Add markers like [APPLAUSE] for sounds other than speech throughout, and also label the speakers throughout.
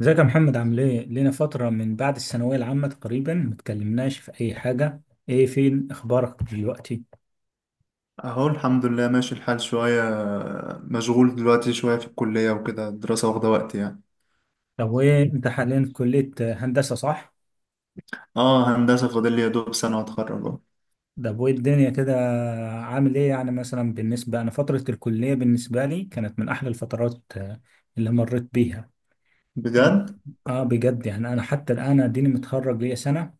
Speaker 1: ازيك يا محمد، عامل ايه؟ لينا فترة من بعد الثانوية العامة تقريبا متكلمناش في أي حاجة، ايه، فين أخبارك دلوقتي؟
Speaker 2: اهو الحمد لله ماشي الحال شوية. مشغول دلوقتي شوية في الكلية وكده، الدراسة واخدة وقت يعني.
Speaker 1: طب ايه، أنت حاليا في كلية هندسة، صح؟
Speaker 2: اه، هندسة، فاضل لي يا دوب سنة واتخرج اهو.
Speaker 1: طب وايه الدنيا كده، عامل ايه يعني؟ مثلا بالنسبة، أنا فترة الكلية بالنسبة لي كانت من أحلى الفترات، اللي مريت بيها.
Speaker 2: بجد؟
Speaker 1: اه، بجد، يعني أنا حتى الآن أديني متخرج ليا سنة،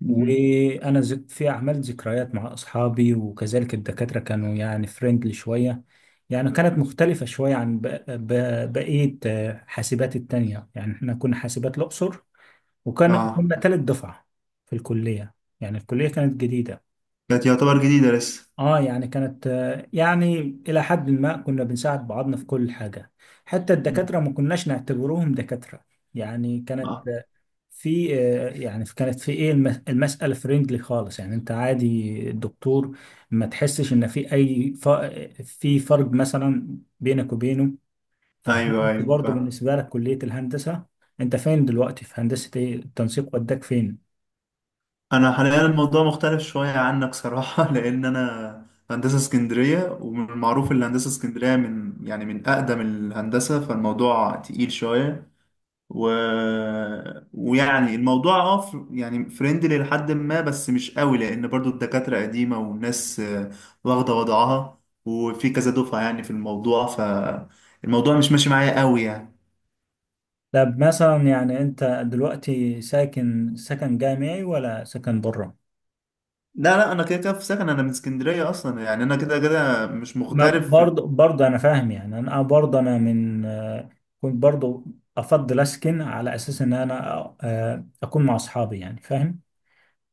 Speaker 2: مم.
Speaker 1: وانا زك في عملت ذكريات مع اصحابي، وكذلك الدكاتره كانوا يعني فريندلي شويه. يعني كانت مختلفه شويه عن بقيه حاسبات التانية. يعني احنا كنا حاسبات الاقصر، وكان
Speaker 2: اه،
Speaker 1: كنا تالت دفعه في الكليه. يعني الكليه كانت جديده.
Speaker 2: كانت يعتبر جديدة لسه.
Speaker 1: اه، يعني كانت، يعني الى حد ما كنا بنساعد بعضنا في كل حاجه. حتى
Speaker 2: مم.
Speaker 1: الدكاتره ما كناش نعتبروهم دكاتره. يعني كانت
Speaker 2: اه،
Speaker 1: في يعني كانت في ايه، المسألة فريندلي خالص. يعني انت عادي الدكتور ما تحسش ان في اي في فرق مثلا بينك وبينه. فهل
Speaker 2: ايوه
Speaker 1: انت
Speaker 2: ايوه
Speaker 1: برضه
Speaker 2: فاهم.
Speaker 1: بالنسبة لك كلية الهندسة، انت فين دلوقتي في هندسة، ايه التنسيق وداك فين؟
Speaker 2: انا حاليا الموضوع مختلف شوية عنك صراحة [LAUGHS] لان انا هندسة اسكندرية، ومن المعروف ان هندسة اسكندرية من يعني من اقدم الهندسة، فالموضوع تقيل شوية. و... ويعني الموضوع يعني فريندلي لحد ما، بس مش قوي، لان برضو الدكاترة قديمة والناس واخدة وضعها، وفي كذا دفعة يعني في الموضوع، فالموضوع مش ماشي معايا قوي يعني.
Speaker 1: طب مثلا يعني انت دلوقتي ساكن سكن جامعي ولا سكن بره؟
Speaker 2: لا لا، انا كده كده في سكن، انا من اسكندرية اصلا، يعني انا كده كده مش
Speaker 1: ما
Speaker 2: مغترب
Speaker 1: برضه، برضه انا فاهم. يعني انا برضه، انا من كنت برضه افضل اسكن على اساس ان انا اكون مع اصحابي، يعني فاهم،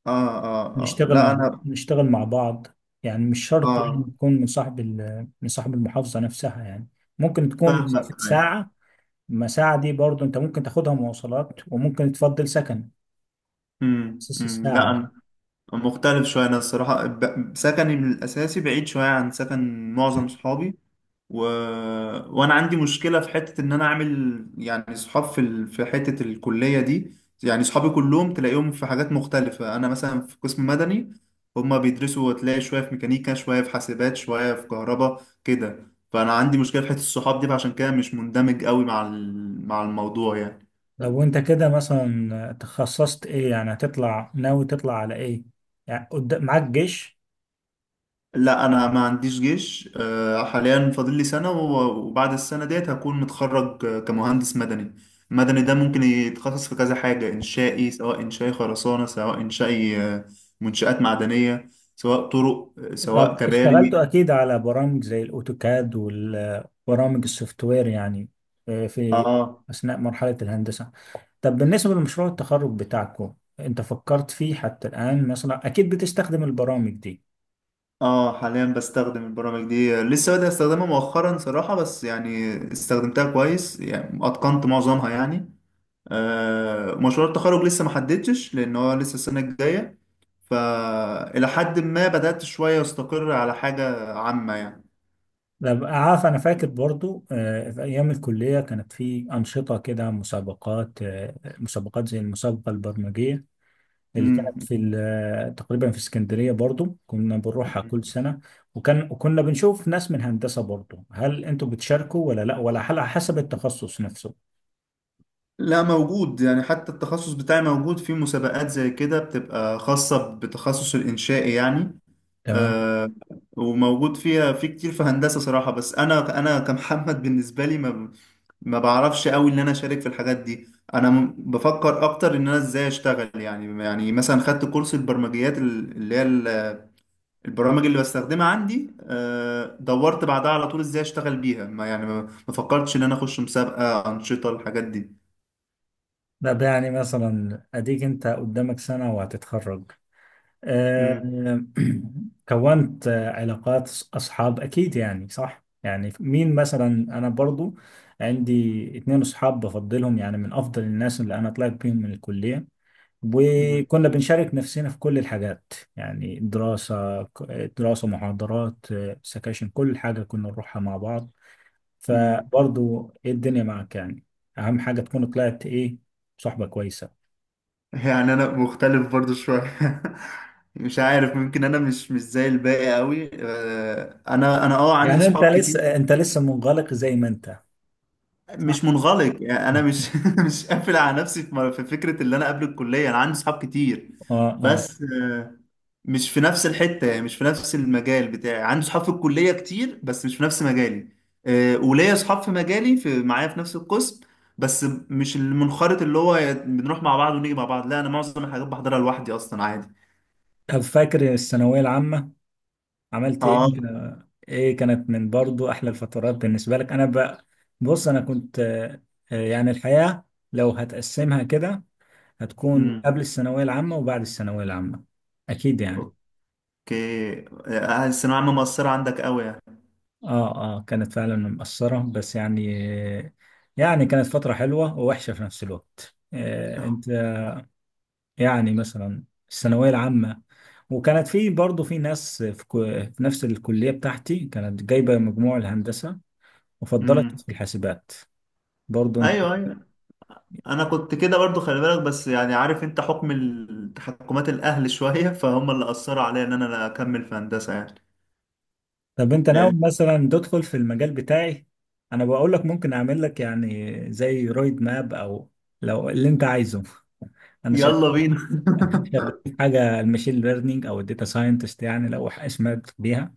Speaker 2: اه اه اه،
Speaker 1: نشتغل
Speaker 2: لا
Speaker 1: مع
Speaker 2: انا.
Speaker 1: نشتغل مع بعض. يعني مش شرط يعني
Speaker 2: اه،
Speaker 1: تكون من من صاحب المحافظة نفسها. يعني ممكن تكون
Speaker 2: فاهمك،
Speaker 1: مسافة
Speaker 2: ايوه.
Speaker 1: ساعة. ما ساعة دي برضه انت ممكن تاخدها مواصلات، وممكن تفضل سكن اساس
Speaker 2: أمم،
Speaker 1: الساعة
Speaker 2: لا،
Speaker 1: دي.
Speaker 2: انا مختلف شوية، انا الصراحة سكني من الاساسي بعيد شوية عن سكن معظم صحابي. و... وانا عندي مشكله في حته ان انا اعمل يعني صحاب في حته الكليه دي، يعني صحابي كلهم تلاقيهم في حاجات مختلفه، انا مثلا في قسم مدني، هما بيدرسوا، تلاقي شويه في ميكانيكا شويه في حاسبات شويه في كهرباء كده، فانا عندي مشكله في حته الصحاب دي، فعشان كده مش مندمج قوي مع مع الموضوع يعني.
Speaker 1: لو انت كده مثلا تخصصت ايه، يعني هتطلع ناوي تطلع على ايه، يعني قدام معاك جيش؟
Speaker 2: لا، انا ما عنديش جيش حاليا، فاضل لي سنه و- وبعد السنه ديت هكون متخرج كمهندس مدني. المدني ده ممكن يتخصص في كذا حاجه، انشائي سواء انشائي خرسانه، سواء انشائي منشآت معدنيه، سواء طرق سواء
Speaker 1: طب
Speaker 2: كباري.
Speaker 1: اشتغلتوا اكيد على برامج زي الاوتوكاد والبرامج السوفت وير، يعني في
Speaker 2: اه
Speaker 1: اثناء مرحله الهندسه. طب بالنسبه لمشروع التخرج بتاعكم، انت فكرت فيه حتى الان مثلا؟ اكيد بتستخدم البرامج دي.
Speaker 2: اه، حاليا بستخدم البرامج دي، لسه بادئ استخدمها مؤخرا صراحه، بس يعني استخدمتها كويس، يعني اتقنت معظمها يعني. مشروع التخرج لسه ما حددتش، لان هو لسه السنه الجايه، فالى حد ما بدات شويه استقر على حاجه عامه يعني.
Speaker 1: طب عارف، انا فاكر برضو في ايام الكليه كانت في انشطه كده، مسابقات، مسابقات زي المسابقه البرمجيه اللي كانت
Speaker 2: مم.
Speaker 1: تقريبا في اسكندرية، برضو كنا بنروحها كل سنة. وكنا بنشوف ناس من هندسة برضو. هل انتوا بتشاركوا، ولا لا، ولا على حسب التخصص نفسه؟
Speaker 2: لا، موجود، يعني حتى التخصص بتاعي موجود في مسابقات زي كده، بتبقى خاصه بتخصص الانشائي يعني.
Speaker 1: تمام.
Speaker 2: آه، وموجود فيها في كتير في هندسة صراحة، بس أنا كمحمد بالنسبة لي ما بعرفش قوي إن أنا أشارك في الحاجات دي. أنا بفكر أكتر إن أنا إزاي أشتغل، يعني يعني مثلا خدت كورس البرمجيات اللي هي البرامج اللي بستخدمها عندي، دورت بعدها على طول إزاي أشتغل بيها، ما يعني ما فكرتش إن أنا أخش مسابقة أنشطة الحاجات دي.
Speaker 1: لا ده يعني، مثلا اديك انت قدامك سنة وهتتخرج، آه،
Speaker 2: مم.
Speaker 1: [CLEARS THROAT] كونت علاقات اصحاب اكيد يعني، صح؟ يعني مين مثلا؟ انا برضو عندي اتنين اصحاب بفضلهم، يعني من افضل الناس اللي انا طلعت بيهم من الكلية.
Speaker 2: مم.
Speaker 1: وكنا بنشارك نفسنا في كل الحاجات، يعني دراسة، دراسة، محاضرات، سكاشن، كل حاجة كنا نروحها مع بعض.
Speaker 2: مم.
Speaker 1: فبرضو إيه الدنيا معك يعني؟ أهم حاجة تكون طلعت إيه، صحبة كويسة.
Speaker 2: يعني انا مختلف برضو شويه [LAUGHS] مش عارف، ممكن انا مش زي الباقي قوي، انا عندي
Speaker 1: يعني أنت
Speaker 2: صحاب كتير.
Speaker 1: لسه أنت لسه منغلق زي ما أنت، صح؟
Speaker 2: مش منغلق، يعني انا مش
Speaker 1: [LAUGHS]
Speaker 2: [LAUGHS] مش قافل على نفسي في فكره، اللي انا قبل الكليه انا عندي صحاب كتير.
Speaker 1: آه، آه.
Speaker 2: بس مش في نفس الحته، يعني مش في نفس المجال بتاعي، عندي صحاب في الكليه كتير بس مش في نفس مجالي. وليا صحاب في مجالي، في معايا في نفس القسم، بس مش المنخرط اللي هو بنروح مع بعض ونيجي مع بعض، لا، انا معظم الحاجات بحضرها لوحدي اصلا عادي.
Speaker 1: طب فاكر الثانوية العامة، عملت إيه؟
Speaker 2: اه.
Speaker 1: إيه، كانت من برضو أحلى الفترات بالنسبة لك. أنا بقى، بص أنا كنت، يعني الحياة لو هتقسمها كده هتكون قبل
Speaker 2: امم
Speaker 1: الثانوية العامة وبعد الثانوية العامة، أكيد يعني.
Speaker 2: اوكي، الثانوية العامة مؤثرة عندك قوي يعني؟
Speaker 1: آه، آه، كانت فعلا مأثرة، بس يعني، كانت فترة حلوة ووحشة في نفس الوقت، آه، أنت
Speaker 2: [LAUGHS]
Speaker 1: يعني، مثلا الثانوية العامة. وكانت في برضه في ناس في، في نفس الكلية بتاعتي كانت جايبة مجموع الهندسة وفضلت
Speaker 2: امم
Speaker 1: في الحاسبات، برضه أنت.
Speaker 2: ايوه، ايوه، انا كنت كده برضو، خلي بالك، بس يعني عارف انت حكم التحكمات الاهل [LAUGHS] شوية، فهم اللي اثروا عليا ان انا لا اكمل في هندسة يعني.
Speaker 1: طب أنت ناوي
Speaker 2: لان.
Speaker 1: مثلا تدخل في المجال بتاعي؟ أنا بقول لك ممكن أعمل لك يعني زي رويد ماب، أو لو اللي أنت عايزه، انا شغال
Speaker 2: يلا بينا
Speaker 1: في حاجه الماشين ليرنينج او الداتا ساينتست، يعني لو اسمها بيها.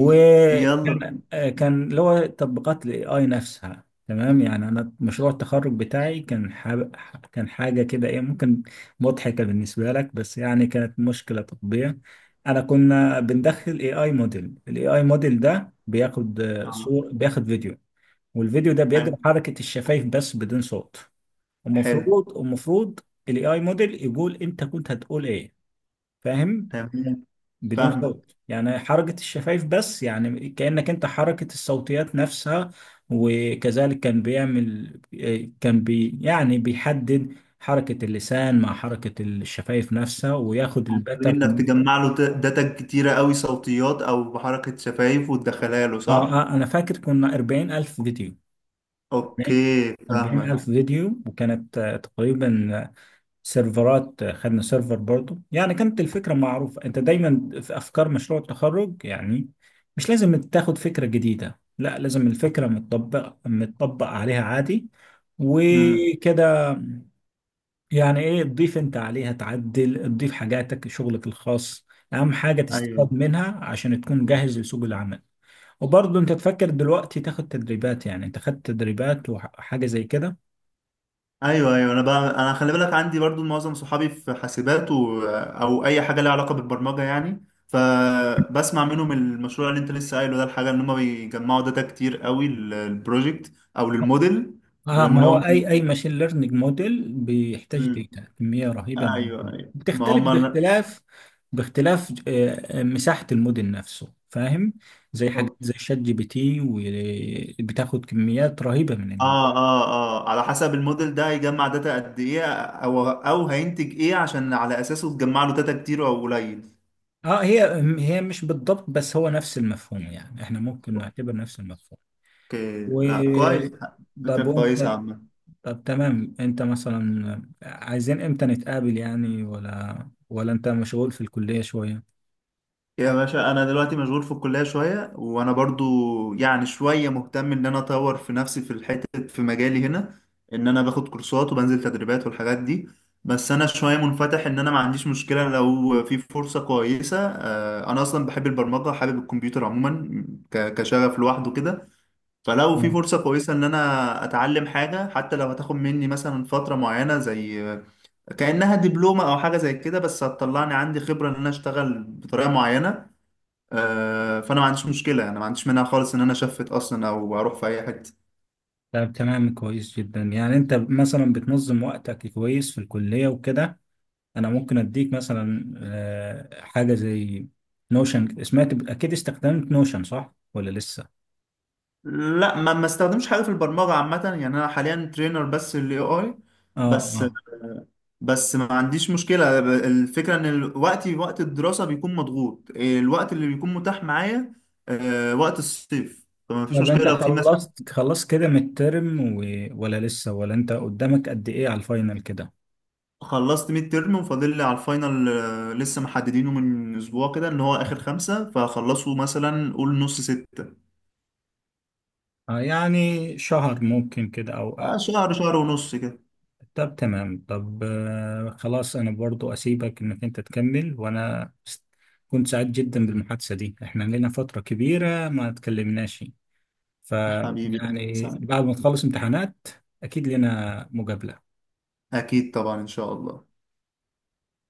Speaker 2: [LAUGHS] يلا بينا.
Speaker 1: كان كان اللي هو تطبيقات الاي اي نفسها، تمام؟ يعني انا مشروع التخرج بتاعي كان كان حاجه كده، ايه، ممكن مضحكه بالنسبه لك، بس يعني كانت مشكله تطبيق. انا كنا بندخل اي اي موديل. الاي اي موديل ده بياخد
Speaker 2: آه،
Speaker 1: صور، بياخد فيديو. والفيديو ده
Speaker 2: حلو.
Speaker 1: بيجري حركه الشفايف بس بدون صوت.
Speaker 2: حلو.
Speaker 1: المفروض الاي اي موديل يقول انت كنت هتقول ايه، فاهم؟
Speaker 2: تمام،
Speaker 1: بدون
Speaker 2: فاهمك.
Speaker 1: صوت، يعني حركة الشفايف بس، يعني كأنك انت حركة الصوتيات نفسها. وكذلك كان بيعمل، كان بي يعني بيحدد حركة اللسان مع حركة الشفايف نفسها، وياخد
Speaker 2: عن طريق انك
Speaker 1: الباترن.
Speaker 2: تجمع له داتا كتيرة قوي، صوتيات او بحركة شفايف وتدخلها له،
Speaker 1: اه،
Speaker 2: صح؟
Speaker 1: انا فاكر كنا
Speaker 2: اوكي،
Speaker 1: 40 ألف
Speaker 2: فاهمك.
Speaker 1: فيديو. وكانت تقريبا سيرفرات، خدنا سيرفر برضو. يعني كانت الفكرة معروفة، انت دايما في افكار مشروع التخرج يعني، مش لازم تاخد فكرة جديدة، لا، لازم الفكرة متطبق عليها عادي
Speaker 2: امم
Speaker 1: وكده. يعني ايه تضيف انت عليها؟ تعدل، تضيف حاجاتك، شغلك الخاص، اهم حاجة تستفاد
Speaker 2: ايوه،
Speaker 1: منها عشان تكون جاهز لسوق العمل. وبرضه انت تفكر دلوقتي تاخد تدريبات؟ يعني انت خدت تدريبات وحاجة زي كده؟
Speaker 2: ايوه، ايوه، انا بقى، انا خلي بالك عندي برضو معظم صحابي في حاسبات و... آه، او اي حاجه ليها علاقه بالبرمجه، يعني فبسمع منهم، المشروع اللي انت لسه قايله ده، الحاجه ان هم بيجمعوا داتا كتير قوي للبروجكت او للموديل.
Speaker 1: اه، ما هو
Speaker 2: وانهم
Speaker 1: اي اي ماشين ليرنينج موديل بيحتاج داتا، كميه رهيبه من
Speaker 2: ايوه
Speaker 1: الداتا،
Speaker 2: ايوه، ما
Speaker 1: بتختلف
Speaker 2: هم، اه.
Speaker 1: باختلاف مساحه الموديل نفسه، فاهم. زي حاجات زي شات جي بي تي، وبتاخد كميات رهيبه
Speaker 2: اه اه، على حسب الموديل ده هيجمع داتا قد ايه، او هينتج ايه عشان على اساسه تجمع له داتا كتير او قليل.
Speaker 1: اه، هي مش بالضبط، بس هو نفس المفهوم، يعني احنا ممكن نعتبر نفس المفهوم.
Speaker 2: اوكي،
Speaker 1: و
Speaker 2: لا، كويس. فكره
Speaker 1: طب
Speaker 2: كويسه
Speaker 1: وانت
Speaker 2: عامه.
Speaker 1: طب تمام، انت مثلا عايزين امتى نتقابل يعني، ولا انت مشغول في الكليه شويه؟
Speaker 2: يا باشا انا دلوقتي مشغول في الكليه شويه، وانا برضو يعني شويه مهتم ان انا اطور في نفسي في الحته في مجالي هنا، ان انا باخد كورسات وبنزل تدريبات والحاجات دي. بس انا شويه منفتح، ان انا ما عنديش مشكله لو في فرصه كويسه. انا اصلا بحب البرمجه، حابب الكمبيوتر عموما، كشغف لوحده كده. فلو في فرصه كويسه ان انا اتعلم حاجه، حتى لو هتاخد مني مثلا فتره معينه، زي كانها دبلومه او حاجه زي كده، بس هتطلعني عندي خبره ان انا اشتغل بطريقه معينه. فانا ما عنديش مشكله، انا ما عنديش منها خالص ان انا شفت اصلا او اروح في اي حته.
Speaker 1: طب تمام، كويس جدا. يعني انت مثلا بتنظم وقتك كويس في الكلية وكده. انا ممكن اديك مثلا، حاجة زي نوشن. سمعت اكيد استخدمت نوشن، صح ولا لسه؟
Speaker 2: لا، ما استخدمش حاجه في البرمجه عامه، يعني انا حاليا ترينر بس للاي اي.
Speaker 1: اه،
Speaker 2: بس،
Speaker 1: اه.
Speaker 2: بس ما عنديش مشكله. الفكره ان وقتي، وقت الدراسه بيكون مضغوط، الوقت اللي بيكون متاح معايا وقت الصيف، فما فيش
Speaker 1: طب
Speaker 2: مشكله
Speaker 1: انت
Speaker 2: لو في مثلا.
Speaker 1: خلصت كده من الترم ولا لسه؟ ولا انت قدامك قد ايه على الفاينل كده؟
Speaker 2: خلصت ميد ترم، وفاضل لي على الفاينل، لسه محددينه من اسبوع كده، ان هو اخر خمسة، فخلصوا مثلا قول نص ستة.
Speaker 1: آه، يعني شهر ممكن كده او اقل.
Speaker 2: شهر، شهر ونص كده.
Speaker 1: طب تمام، طب آه، خلاص، انا برضو اسيبك انك انت تكمل، وانا كنت سعيد جدا بالمحادثة دي. احنا لنا فترة كبيرة ما تكلمناش. ف
Speaker 2: حبيبي أهلا
Speaker 1: يعني
Speaker 2: وسهلا.
Speaker 1: بعد ما تخلص امتحانات اكيد لنا مقابلة.
Speaker 2: أكيد طبعا، إن شاء الله.